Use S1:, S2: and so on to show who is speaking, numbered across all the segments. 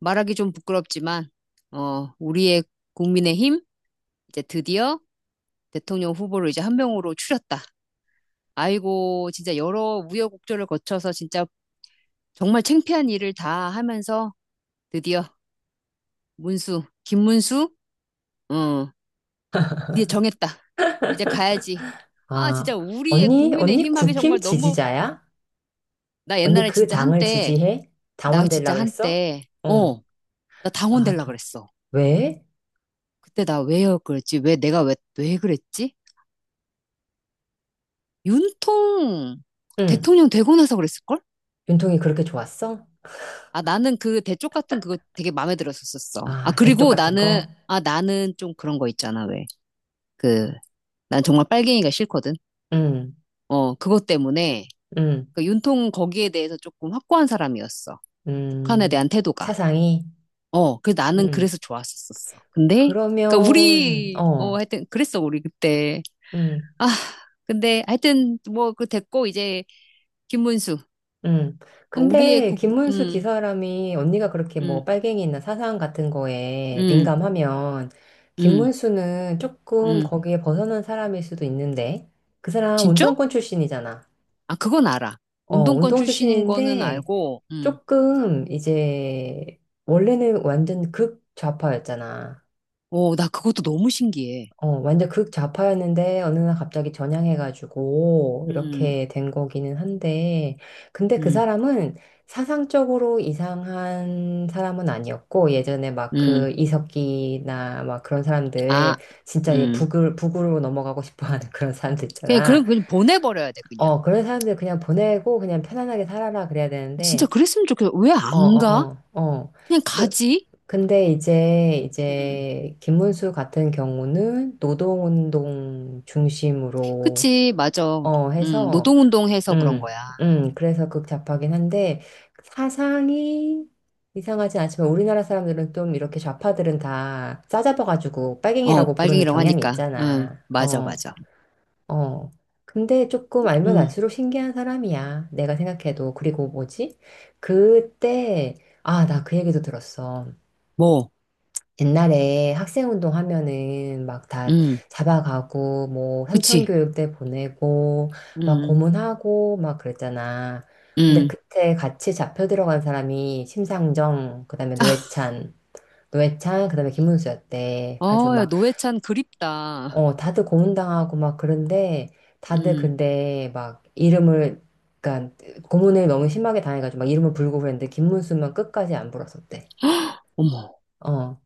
S1: 말하기 좀 부끄럽지만, 우리의 국민의힘, 이제 드디어 대통령 후보를 이제 한 명으로 추렸다. 아이고, 진짜 여러 우여곡절을 거쳐서 진짜 정말 창피한 일을 다 하면서 드디어 문수, 김문수, 어, 드디어 정했다. 이제 가야지. 아,
S2: 아,
S1: 진짜 우리의
S2: 언니,
S1: 국민의힘 하기 정말
S2: 국힘
S1: 너무,
S2: 지지자야?
S1: 나
S2: 언니
S1: 옛날에
S2: 그
S1: 진짜
S2: 당을
S1: 한때,
S2: 지지해?
S1: 나
S2: 당원 되려
S1: 진짜
S2: 그랬어?
S1: 한때,
S2: 응.
S1: 나 당원
S2: 아,
S1: 될라
S2: 저,
S1: 그랬어.
S2: 왜?
S1: 그때 나 왜 그랬지? 왜 내가 왜, 왜 그랬지? 윤통
S2: 응.
S1: 대통령 되고 나서 그랬을걸?
S2: 윤통이 그렇게 좋았어?
S1: 아, 나는 그 대쪽 같은 그거 되게 마음에 들었었었어. 아,
S2: 아, 대쪽
S1: 그리고
S2: 같은
S1: 나는,
S2: 거?
S1: 아, 나는 좀 그런 거 있잖아, 왜. 그, 난 정말 빨갱이가 싫거든.
S2: 응,
S1: 그것 때문에,
S2: 응,
S1: 그 윤통 거기에 대해서 조금 확고한 사람이었어. 북한에
S2: 음.
S1: 대한 태도가.
S2: 사상이?
S1: 그 나는
S2: 응.
S1: 그래서 좋았었었어. 근데, 그니까
S2: 그러면,
S1: 우리,
S2: 어,
S1: 하여튼, 그랬어, 우리 그때.
S2: 응.
S1: 아, 근데 하여튼, 뭐, 그 됐고, 이제, 김문수.
S2: 음.
S1: 우리의
S2: 근데
S1: 국,
S2: 김문수
S1: 음,
S2: 기사람이 언니가 그렇게 뭐
S1: 음,
S2: 빨갱이나 사상 같은 거에
S1: 음.
S2: 민감하면
S1: 음,
S2: 김문수는 조금
S1: 음.
S2: 거기에 벗어난 사람일 수도 있는데 그 사람
S1: 진짜?
S2: 운동권 출신이잖아.
S1: 아, 그건 알아.
S2: 어,
S1: 운동권
S2: 운동
S1: 출신인 거는
S2: 출신인데
S1: 알고,
S2: 조금 이제 원래는 완전 극좌파였잖아.
S1: 오, 나 그것도 너무 신기해.
S2: 어, 완전 극좌파였는데 어느 날 갑자기 전향해가지고
S1: 음,
S2: 이렇게 된 거기는 한데 근데 그
S1: 음,
S2: 사람은 사상적으로 이상한 사람은 아니었고 예전에 막
S1: 음.
S2: 그 이석기나 막 그런
S1: 아,
S2: 사람들 진짜 얘
S1: 음.
S2: 북을 북으로 넘어가고 싶어하는 그런 사람들
S1: 그냥, 그냥,
S2: 있잖아.
S1: 그냥 보내버려야 돼, 그냥.
S2: 어 그런 사람들 그냥 보내고 그냥 편안하게 살아라 그래야
S1: 진짜
S2: 되는데
S1: 그랬으면 좋겠어. 왜
S2: 어
S1: 안 가?
S2: 어어어
S1: 그냥
S2: 그
S1: 가지?
S2: 근데 이제
S1: 음.
S2: 이제 김문수 같은 경우는 노동운동 중심으로
S1: 그치, 맞아.
S2: 어 해서
S1: 노동운동 해서 그런
S2: 음,
S1: 거야.
S2: 그래서 극좌파긴 한데 사상이 이상하진 않지만 우리나라 사람들은 좀 이렇게 좌파들은 다 싸잡아가지고
S1: 어,
S2: 빨갱이라고 부르는
S1: 빨갱이라고
S2: 경향이
S1: 하니까. 응,
S2: 있잖아.
S1: 맞아,
S2: 어,
S1: 맞아.
S2: 어. 근데 조금 알면
S1: 응,
S2: 알수록 신기한 사람이야. 내가 생각해도. 그리고 뭐지? 그때 아, 나 그 얘기도 들었어.
S1: 뭐,
S2: 옛날에 학생 운동하면은 막 다
S1: 응,
S2: 잡아가고 뭐
S1: 그치.
S2: 삼천교육대 보내고 막
S1: 응,
S2: 고문하고 막 그랬잖아. 근데
S1: 응,
S2: 그때 같이 잡혀 들어간 사람이 심상정, 그다음에 노회찬, 노회찬, 그다음에 김문수였대. 가지고
S1: 어, 야,
S2: 막
S1: 노회찬 그립다.
S2: 어 다들 고문당하고 막 그런데 다들
S1: 응.
S2: 근데 막 이름을 그러니까 고문을 너무 심하게 당해가지고 막 이름을 불고 그랬는데 김문수만 끝까지 안 불었었대.
S1: 어머,
S2: 어.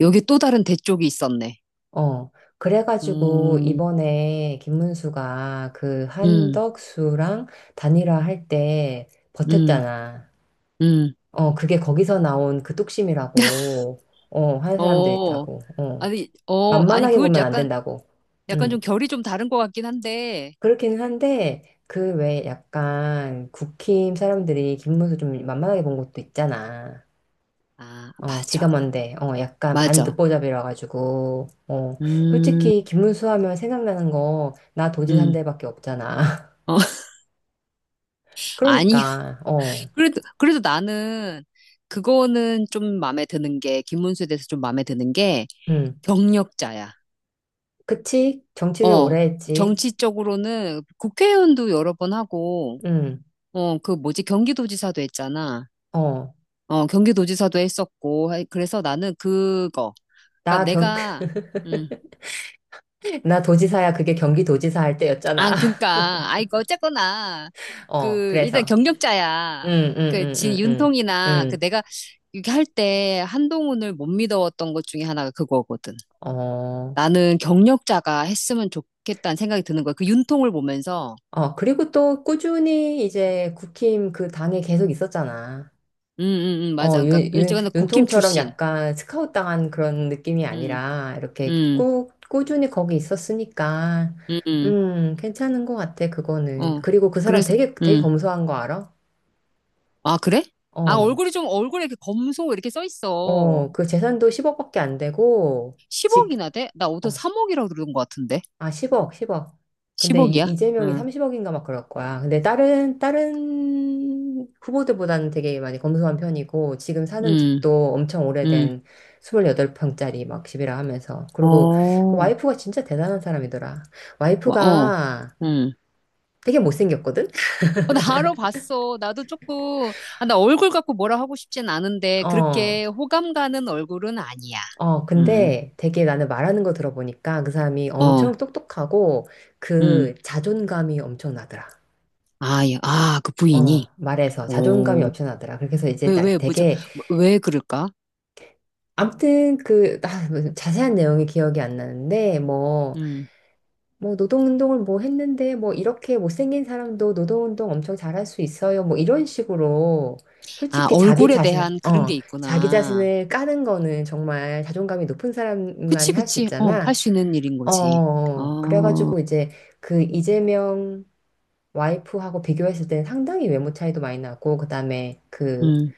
S1: 여기 또 다른 대쪽이 있었네.
S2: 어, 그래가지고
S1: 음,
S2: 이번에 김문수가 그
S1: 음,
S2: 한덕수랑 단일화 할 때
S1: 음,
S2: 버텼잖아.
S1: 음.
S2: 어, 그게 거기서 나온 그 뚝심이라고, 어, 하는 사람도
S1: 어,
S2: 있다고, 어.
S1: 아니, 어, 아니,
S2: 만만하게
S1: 그걸
S2: 보면 안
S1: 약간,
S2: 된다고.
S1: 약간 좀
S2: 음.
S1: 결이 좀 다른 것 같긴 한데.
S2: 그렇기는 한데, 그 외에 약간 국힘 사람들이 김문수 좀 만만하게 본 것도 있잖아.
S1: 아,
S2: 어, 지가
S1: 맞아,
S2: 뭔데, 어, 약간 반
S1: 맞아.
S2: 듣보잡이라 가지고, 어,
S1: 음,
S2: 솔직히 김문수 하면 생각나는 거, 나 도지 산
S1: 음.
S2: 데밖에 없잖아.
S1: 어, 아니,
S2: 그러니까, 어,
S1: 그래도, 그래도 나는 그거는 좀 마음에 드는 게, 김문수에 대해서 좀 마음에 드는 게
S2: 음,
S1: 경력자야.
S2: 그치? 정치를
S1: 어,
S2: 오래 했지.
S1: 정치적으로는 국회의원도 여러 번 하고,
S2: 음,
S1: 어, 그 뭐지, 경기도지사도 했잖아.
S2: 어,
S1: 어, 경기도지사도 했었고, 하이- 그래서 나는 그거. 그러니까
S2: 나 경,
S1: 내가, 음,
S2: 나 도지사야, 그게 경기도지사 할
S1: 아,
S2: 때였잖아.
S1: 그러니까, 아, 이거 어쨌거나,
S2: 어,
S1: 그, 일단
S2: 그래서,
S1: 경력자야.
S2: 음, 음,
S1: 그,
S2: 음,
S1: 진
S2: 음, 음,
S1: 윤통이나, 그
S2: 음,
S1: 내가 이렇게 할 때 한동훈을 못 믿어왔던 것 중에 하나가 그거거든.
S2: 어,
S1: 나는 경력자가 했으면 좋겠다는 생각이 드는 거야. 그 윤통을 보면서,
S2: 어, 그리고 또 꾸준히 이제 국힘 그 당에 계속 있었잖아.
S1: 맞아.
S2: 어,
S1: 그러니까, 일찍은 국힘
S2: 윤통처럼
S1: 출신.
S2: 약간 스카웃 당한 그런 느낌이
S1: 음,
S2: 아니라, 이렇게
S1: 음,
S2: 꾸준히 거기 있었으니까,
S1: 음, 음,
S2: 괜찮은 것 같아, 그거는.
S1: 어.
S2: 그리고 그 사람
S1: 그래서,
S2: 되게
S1: 음.
S2: 검소한 거 알아?
S1: 아, 그래? 아,
S2: 어,
S1: 얼굴이 좀, 얼굴에 이렇게 검소 이렇게 써 있어.
S2: 어, 그 재산도 10억밖에 안 되고, 직,
S1: 10억이나 돼? 나 어디서
S2: 어,
S1: 3억이라고 들은 것 같은데.
S2: 아, 10억. 근데
S1: 10억이야?
S2: 이재명이
S1: 응,
S2: 30억인가 막 그럴 거야. 근데 다른 후보들보다는 되게 많이 검소한 편이고, 지금 사는
S1: 응,
S2: 집도 엄청
S1: 응.
S2: 오래된 28평짜리 막 집이라 하면서. 그리고 그
S1: 어,
S2: 와이프가 진짜 대단한 사람이더라.
S1: 와, 어,
S2: 와이프가
S1: 응.
S2: 되게 못생겼거든?
S1: 어, 나 알아 봤어. 나도 조금, 아, 나 얼굴 갖고 뭐라 하고 싶진 않은데,
S2: 어,
S1: 그렇게 호감 가는 얼굴은 아니야.
S2: 어,
S1: 응,
S2: 근데 되게 나는 말하는 거 들어보니까 그 사람이
S1: 어,
S2: 엄청 똑똑하고
S1: 응.
S2: 그 자존감이 엄청 나더라.
S1: 아, 예. 아, 그
S2: 어,
S1: 부인이?
S2: 말해서 자존감이
S1: 오,
S2: 엄청 나더라. 그래서 이제
S1: 왜, 왜, 뭐죠?
S2: 되게
S1: 뭐, 왜 그럴까?
S2: 아무튼 무슨 자세한 내용이 기억이 안 나는데
S1: 음.
S2: 노동운동을 뭐 했는데 뭐 이렇게 못생긴 사람도 노동운동 엄청 잘할 수 있어요 뭐 이런 식으로
S1: 아,
S2: 솔직히
S1: 얼굴에 대한 그런 게
S2: 자기
S1: 있구나.
S2: 자신을 까는 거는 정말 자존감이 높은
S1: 그치,
S2: 사람만이 할 수
S1: 그치. 어, 할
S2: 있잖아
S1: 수 있는 일인 거지.
S2: 어
S1: 어,
S2: 그래가지고 이제 그 이재명 와이프하고 비교했을 때는 상당히 외모 차이도 많이 나고 그다음에 그
S1: 음.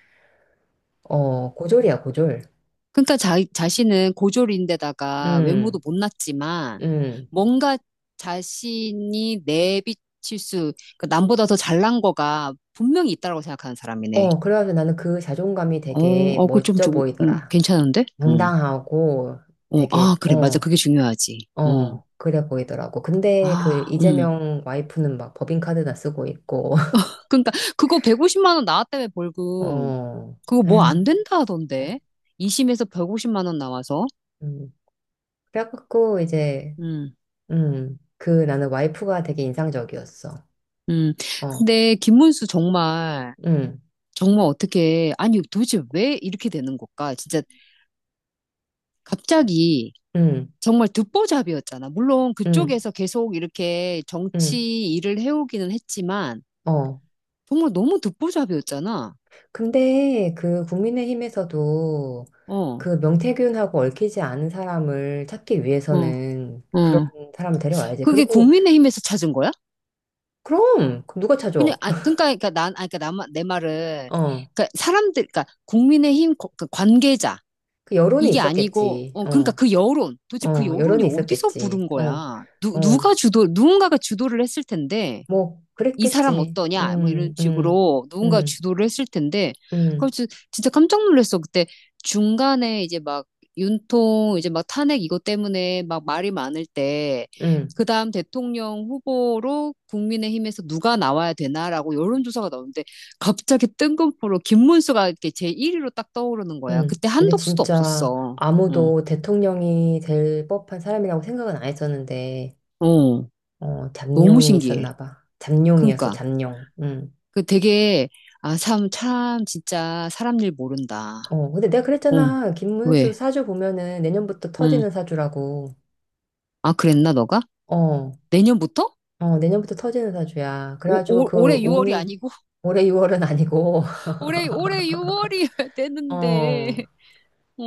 S2: 어 고졸
S1: 그러니까 자신은 고졸인데다가 외모도
S2: 음
S1: 못났지만
S2: 음.
S1: 뭔가 자신이 내비칠 수, 그 남보다 더 잘난 거가 분명히 있다라고 생각하는 사람이네.
S2: 어, 그래가지고 나는 그 자존감이
S1: 어,
S2: 되게
S1: 어, 그 좀
S2: 멋져
S1: 좋,
S2: 보이더라.
S1: 괜찮은데? 응.
S2: 당당하고
S1: 어,
S2: 되게,
S1: 아, 그래, 맞아.
S2: 어,
S1: 그게 중요하지. 어,
S2: 어, 그래 보이더라고. 근데 그
S1: 아,
S2: 이재명 와이프는 막 법인카드나 쓰고 있고,
S1: 그러니까 그거 150만 원 나왔다며 벌금.
S2: 어,
S1: 그거 뭐 안
S2: 아휴,
S1: 된다 하던데.
S2: 진짜.
S1: 2심에서 150만 원 나와서.
S2: 음. 그래갖고 이제,
S1: 음.
S2: 그 나는 와이프가 되게 인상적이었어.
S1: 음.
S2: 어,
S1: 근데 김문수 정말,
S2: 음,
S1: 정말 어떻게, 아니 도대체 왜 이렇게 되는 걸까? 진짜 갑자기
S2: 음,
S1: 정말 듣보잡이었잖아. 물론
S2: 음,
S1: 그쪽에서 계속 이렇게
S2: 음,
S1: 정치 일을 해오기는 했지만,
S2: 어.
S1: 정말 너무 듣보잡이었잖아.
S2: 근데 그 국민의힘에서도
S1: 어,
S2: 그 명태균하고 얽히지 않은 사람을 찾기
S1: 어,
S2: 위해서는
S1: 어.
S2: 사람을 데려와야지.
S1: 그게
S2: 그리고,
S1: 국민의힘에서 찾은 거야?
S2: 그럼! 그럼 누가 찾아?
S1: 그냥, 아, 그러니까, 그러니까 난, 아, 그러니까 나, 내 말은,
S2: 어.
S1: 그러니까 사람들, 그러니까 국민의힘 거- 그 관계자,
S2: 그 여론이
S1: 이게 아니고,
S2: 있었겠지.
S1: 어, 그러니까
S2: 어.
S1: 그 여론, 도대체 그
S2: 어.
S1: 여론이
S2: 여론이
S1: 어디서 부른
S2: 있었겠지. 어.
S1: 거야? 누,
S2: 어.
S1: 누가 주도, 누군가가 주도를 했을 텐데,
S2: 뭐,
S1: 이 사람
S2: 그랬겠지.
S1: 어떠냐? 뭐 이런 식으로 누군가
S2: 음,
S1: 주도를 했을 텐데, 그걸
S2: 음,
S1: 진- 진짜 깜짝 놀랐어. 그때 중간에 이제 막 윤통, 이제 막 탄핵 이것 때문에 막 말이 많을 때,
S2: 음,
S1: 그 다음 대통령 후보로 국민의힘에서 누가 나와야 되나라고 여론조사가 나오는데, 갑자기 뜬금포로 김문수가 이렇게 제1위로 딱 떠오르는 거야. 그때
S2: 근데
S1: 한덕수도
S2: 진짜
S1: 없었어. 응.
S2: 아무도 대통령이 될 법한 사람이라고 생각은 안 했었는데,
S1: 어,
S2: 어,
S1: 너무
S2: 잡룡이
S1: 신기해.
S2: 있었나 봐. 잡룡이었어,
S1: 그러니까.
S2: 잡룡. 음.
S1: 그 되게, 아, 참, 참, 진짜 사람 일 모른다.
S2: 어, 근데 내가
S1: 어,
S2: 그랬잖아. 김문수
S1: 왜?
S2: 사주 보면은 내년부터
S1: 응.
S2: 터지는 사주라고.
S1: 아, 그랬나, 너가?
S2: 어.
S1: 내년부터?
S2: 어, 내년부터 터지는 사주야.
S1: 오,
S2: 그래가지고
S1: 올-
S2: 그
S1: 올해 6월이
S2: 운이
S1: 아니고?
S2: 올해 6월은 아니고,
S1: 올해, 올해 6월이 되는데.
S2: 어,
S1: 어,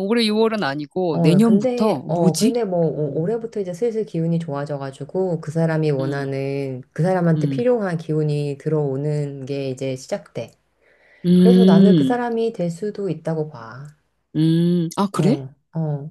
S1: 올해 6월은 아니고,
S2: 어,
S1: 내년부터? 뭐지?
S2: 근데 뭐,
S1: 응,
S2: 올해부터 이제 슬슬 기운이 좋아져가지고,
S1: 응,
S2: 그 사람한테
S1: 응.
S2: 필요한 기운이 들어오는 게 이제 시작돼. 그래서 나는 그
S1: 음,
S2: 사람이 될 수도 있다고 봐.
S1: 아, 그래?
S2: 어, 어.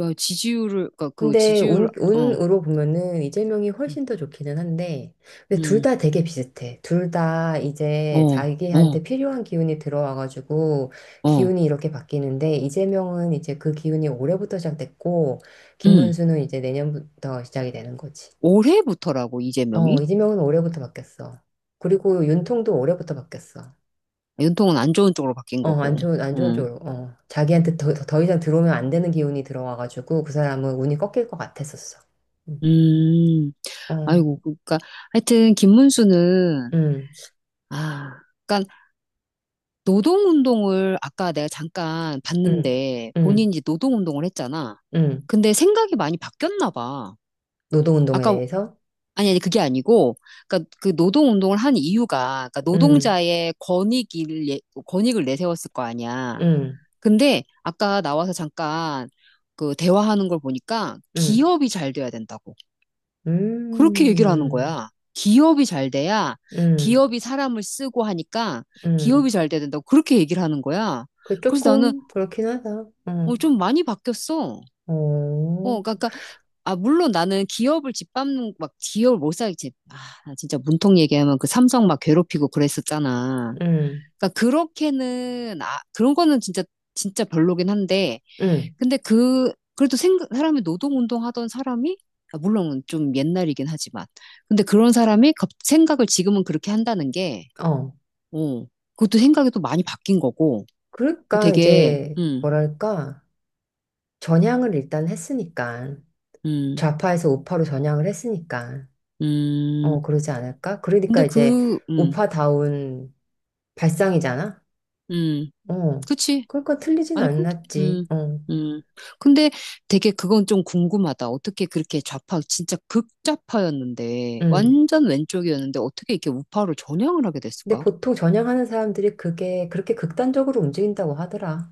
S1: 야, 지지율을, 그니까 그
S2: 근데
S1: 지지율, 어,
S2: 운으로 보면은 이재명이
S1: 음,
S2: 훨씬 더 좋기는 한데, 근데 둘
S1: 음.
S2: 다 되게 비슷해. 둘 다 이제
S1: 어, 어,
S2: 자기한테 필요한 기운이 들어와가지고
S1: 어,
S2: 기운이 이렇게 바뀌는데, 이재명은 이제 그 기운이 올해부터 시작됐고,
S1: 음.
S2: 김문수는 이제 내년부터 시작이 되는 거지.
S1: 올해부터라고, 이재명이?
S2: 어, 이재명은 올해부터 바뀌었어. 그리고 윤통도 올해부터 바뀌었어.
S1: 아, 연통은 안 좋은 쪽으로 바뀐
S2: 어,
S1: 거고.
S2: 안 좋은
S1: 응.
S2: 쪽으로. 어, 자기한테 더 이상 들어오면 안 되는 기운이 들어와가지고 그 사람은 운이 꺾일 것 같았었어. 음.
S1: 음,
S2: 어,
S1: 아이고, 그러니까 하여튼 김문수는
S2: 음.
S1: 아, 그러니까 노동운동을 아까 내가 잠깐
S2: 음,
S1: 봤는데
S2: 음,
S1: 본인이 노동운동을 했잖아.
S2: 음.
S1: 근데 생각이 많이 바뀌었나 봐.
S2: 노동운동에
S1: 아까
S2: 대해서?
S1: 아니 그게 아니고, 그러니까 그 노동운동을 한 이유가 그러니까
S2: 음,
S1: 노동자의 권익을 예- 권익을 내세웠을 거 아니야.
S2: 음,
S1: 근데 아까 나와서 잠깐 그 대화하는 걸 보니까
S2: 음,
S1: 기업이 잘 돼야 된다고. 그렇게 얘기를 하는
S2: 음,
S1: 거야. 기업이 잘 돼야
S2: 음,
S1: 기업이 사람을 쓰고 하니까
S2: 음.
S1: 기업이 잘 돼야 된다고 그렇게 얘기를 하는 거야.
S2: 그
S1: 그래서 나는
S2: 조금 그렇긴 하다. 어,
S1: 어, 좀 많이 바뀌었어.
S2: 어,
S1: 어, 그러니까, 아, 물론 나는 기업을 짓밟는, 막, 기업을 못 살겠지. 아, 나 진짜 문통 얘기하면 그 삼성 막 괴롭히고 그랬었잖아.
S2: 음,
S1: 그러니까 그렇게는, 아, 그런 거는 진짜, 진짜 별로긴 한데,
S2: 음,
S1: 근데 그, 그래도 생각, 사람이 노동운동 하던 사람이, 아, 물론 좀 옛날이긴 하지만, 근데 그런 사람이 갑- 생각을 지금은 그렇게 한다는 게,
S2: 어.
S1: 어, 그것도 생각이 또 많이 바뀐 거고, 그
S2: 그러니까
S1: 되게,
S2: 이제 뭐랄까 전향을 일단 했으니까
S1: 음,
S2: 좌파에서 우파로 전향을 했으니까 어
S1: 음,
S2: 그러지 않을까?
S1: 근데
S2: 그러니까 이제
S1: 그,
S2: 우파다운 발상이잖아.
S1: 음,
S2: 어,
S1: 그치.
S2: 그러니까 틀리진
S1: 아니, 근데,
S2: 않았지.
S1: 음. 근데 되게 그건 좀 궁금하다. 어떻게 그렇게 좌파, 진짜 극좌파였는데,
S2: 어,
S1: 완전 왼쪽이었는데, 어떻게 이렇게 우파로 전향을 하게
S2: 근데
S1: 됐을까?
S2: 보통 전향하는 사람들이 그게 그렇게 극단적으로 움직인다고 하더라.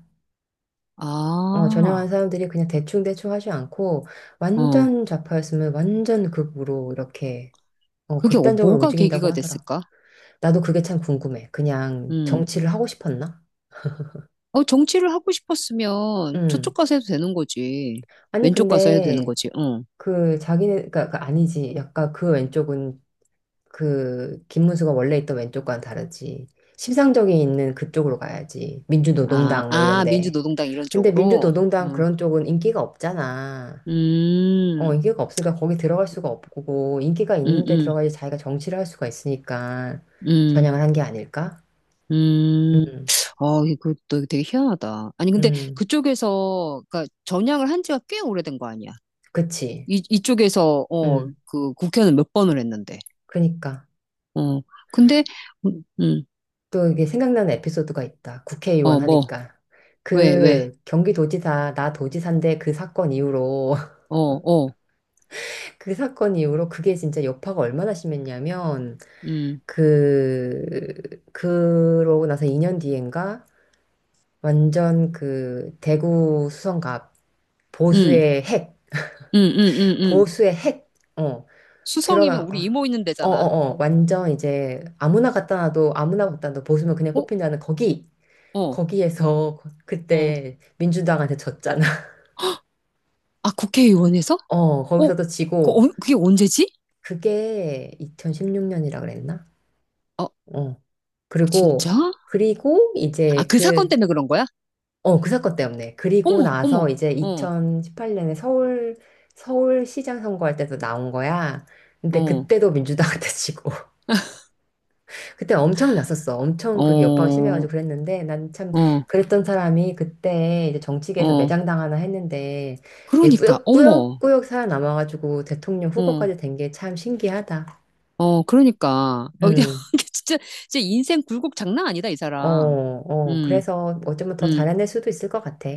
S2: 어, 전향하는
S1: 아.
S2: 사람들이 그냥 대충대충 하지 않고
S1: 어,
S2: 완전 좌파였으면 완전 극으로 이렇게 어,
S1: 그게 어-
S2: 극단적으로
S1: 뭐가 계기가
S2: 움직인다고 하더라.
S1: 됐을까?
S2: 나도 그게 참 궁금해. 그냥
S1: 음.
S2: 정치를 하고 싶었나?
S1: 어, 정치를 하고 싶었으면 저쪽
S2: 음.
S1: 가서 해도 되는 거지.
S2: 아니
S1: 왼쪽 가서 해도 되는
S2: 근데
S1: 거지. 응.
S2: 그 자기네 그니까 아니지. 약간 그 왼쪽은 그 김문수가 원래 있던 왼쪽과는 다르지. 심상정이 있는 그쪽으로 가야지.
S1: 아,
S2: 민주노동당 뭐
S1: 아,
S2: 이런데.
S1: 민주노동당 이런
S2: 근데
S1: 쪽으로.
S2: 민주노동당
S1: 응.
S2: 그런 쪽은 인기가 없잖아. 어,
S1: 음,
S2: 인기가 없으니까 거기 들어갈 수가 없고, 인기가
S1: 음,
S2: 있는데
S1: 음,
S2: 들어가야지 자기가 정치를 할 수가 있으니까
S1: 음,
S2: 전향을 한 게 아닐까?
S1: 음.
S2: 음,
S1: 어, 이거 또 되게 희한하다. 아니, 근데
S2: 음,
S1: 그쪽에서, 그니까 전향을 한 지가 꽤 오래된 거 아니야.
S2: 그치.
S1: 이쪽에서, 어,
S2: 음,
S1: 그 국회는 몇 번을 했는데.
S2: 그러니까.
S1: 어, 근데, 음, 음,
S2: 또 이게 생각나는 에피소드가 있다.
S1: 어,
S2: 국회의원
S1: 뭐,
S2: 하니까.
S1: 왜, 왜.
S2: 그 경기도지사, 나 도지사인데 그 사건 이후로
S1: 어, 어.
S2: 그게 진짜 여파가 얼마나 심했냐면
S1: 음,
S2: 그러고 나서 2년 뒤인가 완전 그 대구 수성갑
S1: 음,
S2: 보수의 핵
S1: 음, 음, 음, 음.
S2: 보수의 핵어
S1: 수성이면
S2: 들어가 어
S1: 우리 이모 있는
S2: 어
S1: 데잖아.
S2: 어 어, 완전 이제 아무나 갖다 놔도 보수면 그냥
S1: 어,
S2: 뽑힌다는 거기
S1: 어,
S2: 거기에서
S1: 어.
S2: 그때 민주당한테 졌잖아.
S1: 아, 국회의원에서?
S2: 어
S1: 어,
S2: 거기서도
S1: 그,
S2: 지고
S1: 언- 그게 언제지?
S2: 그게 2016년이라 그랬나.
S1: 어,
S2: 어.
S1: 진짜?
S2: 그리고, 그리고
S1: 아,
S2: 이제
S1: 그
S2: 그,
S1: 사건 때문에 그런 거야?
S2: 어, 그 사건 때문에. 그리고
S1: 어머,
S2: 나서
S1: 어머,
S2: 이제
S1: 어,
S2: 2018년에 서울, 서울시장 선거할 때도 나온 거야. 근데
S1: 어,
S2: 그때도 민주당한테 지고. 그때 엄청 났었어. 엄청 그게 여파가
S1: 어,
S2: 심해가지고 그랬는데 난 참
S1: 어,
S2: 그랬던 사람이 그때 이제 정치계에서
S1: 어.
S2: 매장당하나 했는데 얘
S1: 그러니까, 어머,
S2: 꾸역꾸역꾸역 살아남아가지고 대통령
S1: 어,
S2: 후보까지 된 게 참 신기하다.
S1: 어, 그러니까. 어,
S2: 음,
S1: 이게 진짜, 진짜 인생 굴곡 장난 아니다, 이
S2: 어,
S1: 사람.
S2: 어.
S1: 음,
S2: 그래서 어쩌면 더 잘해낼 수도 있을 것 같아.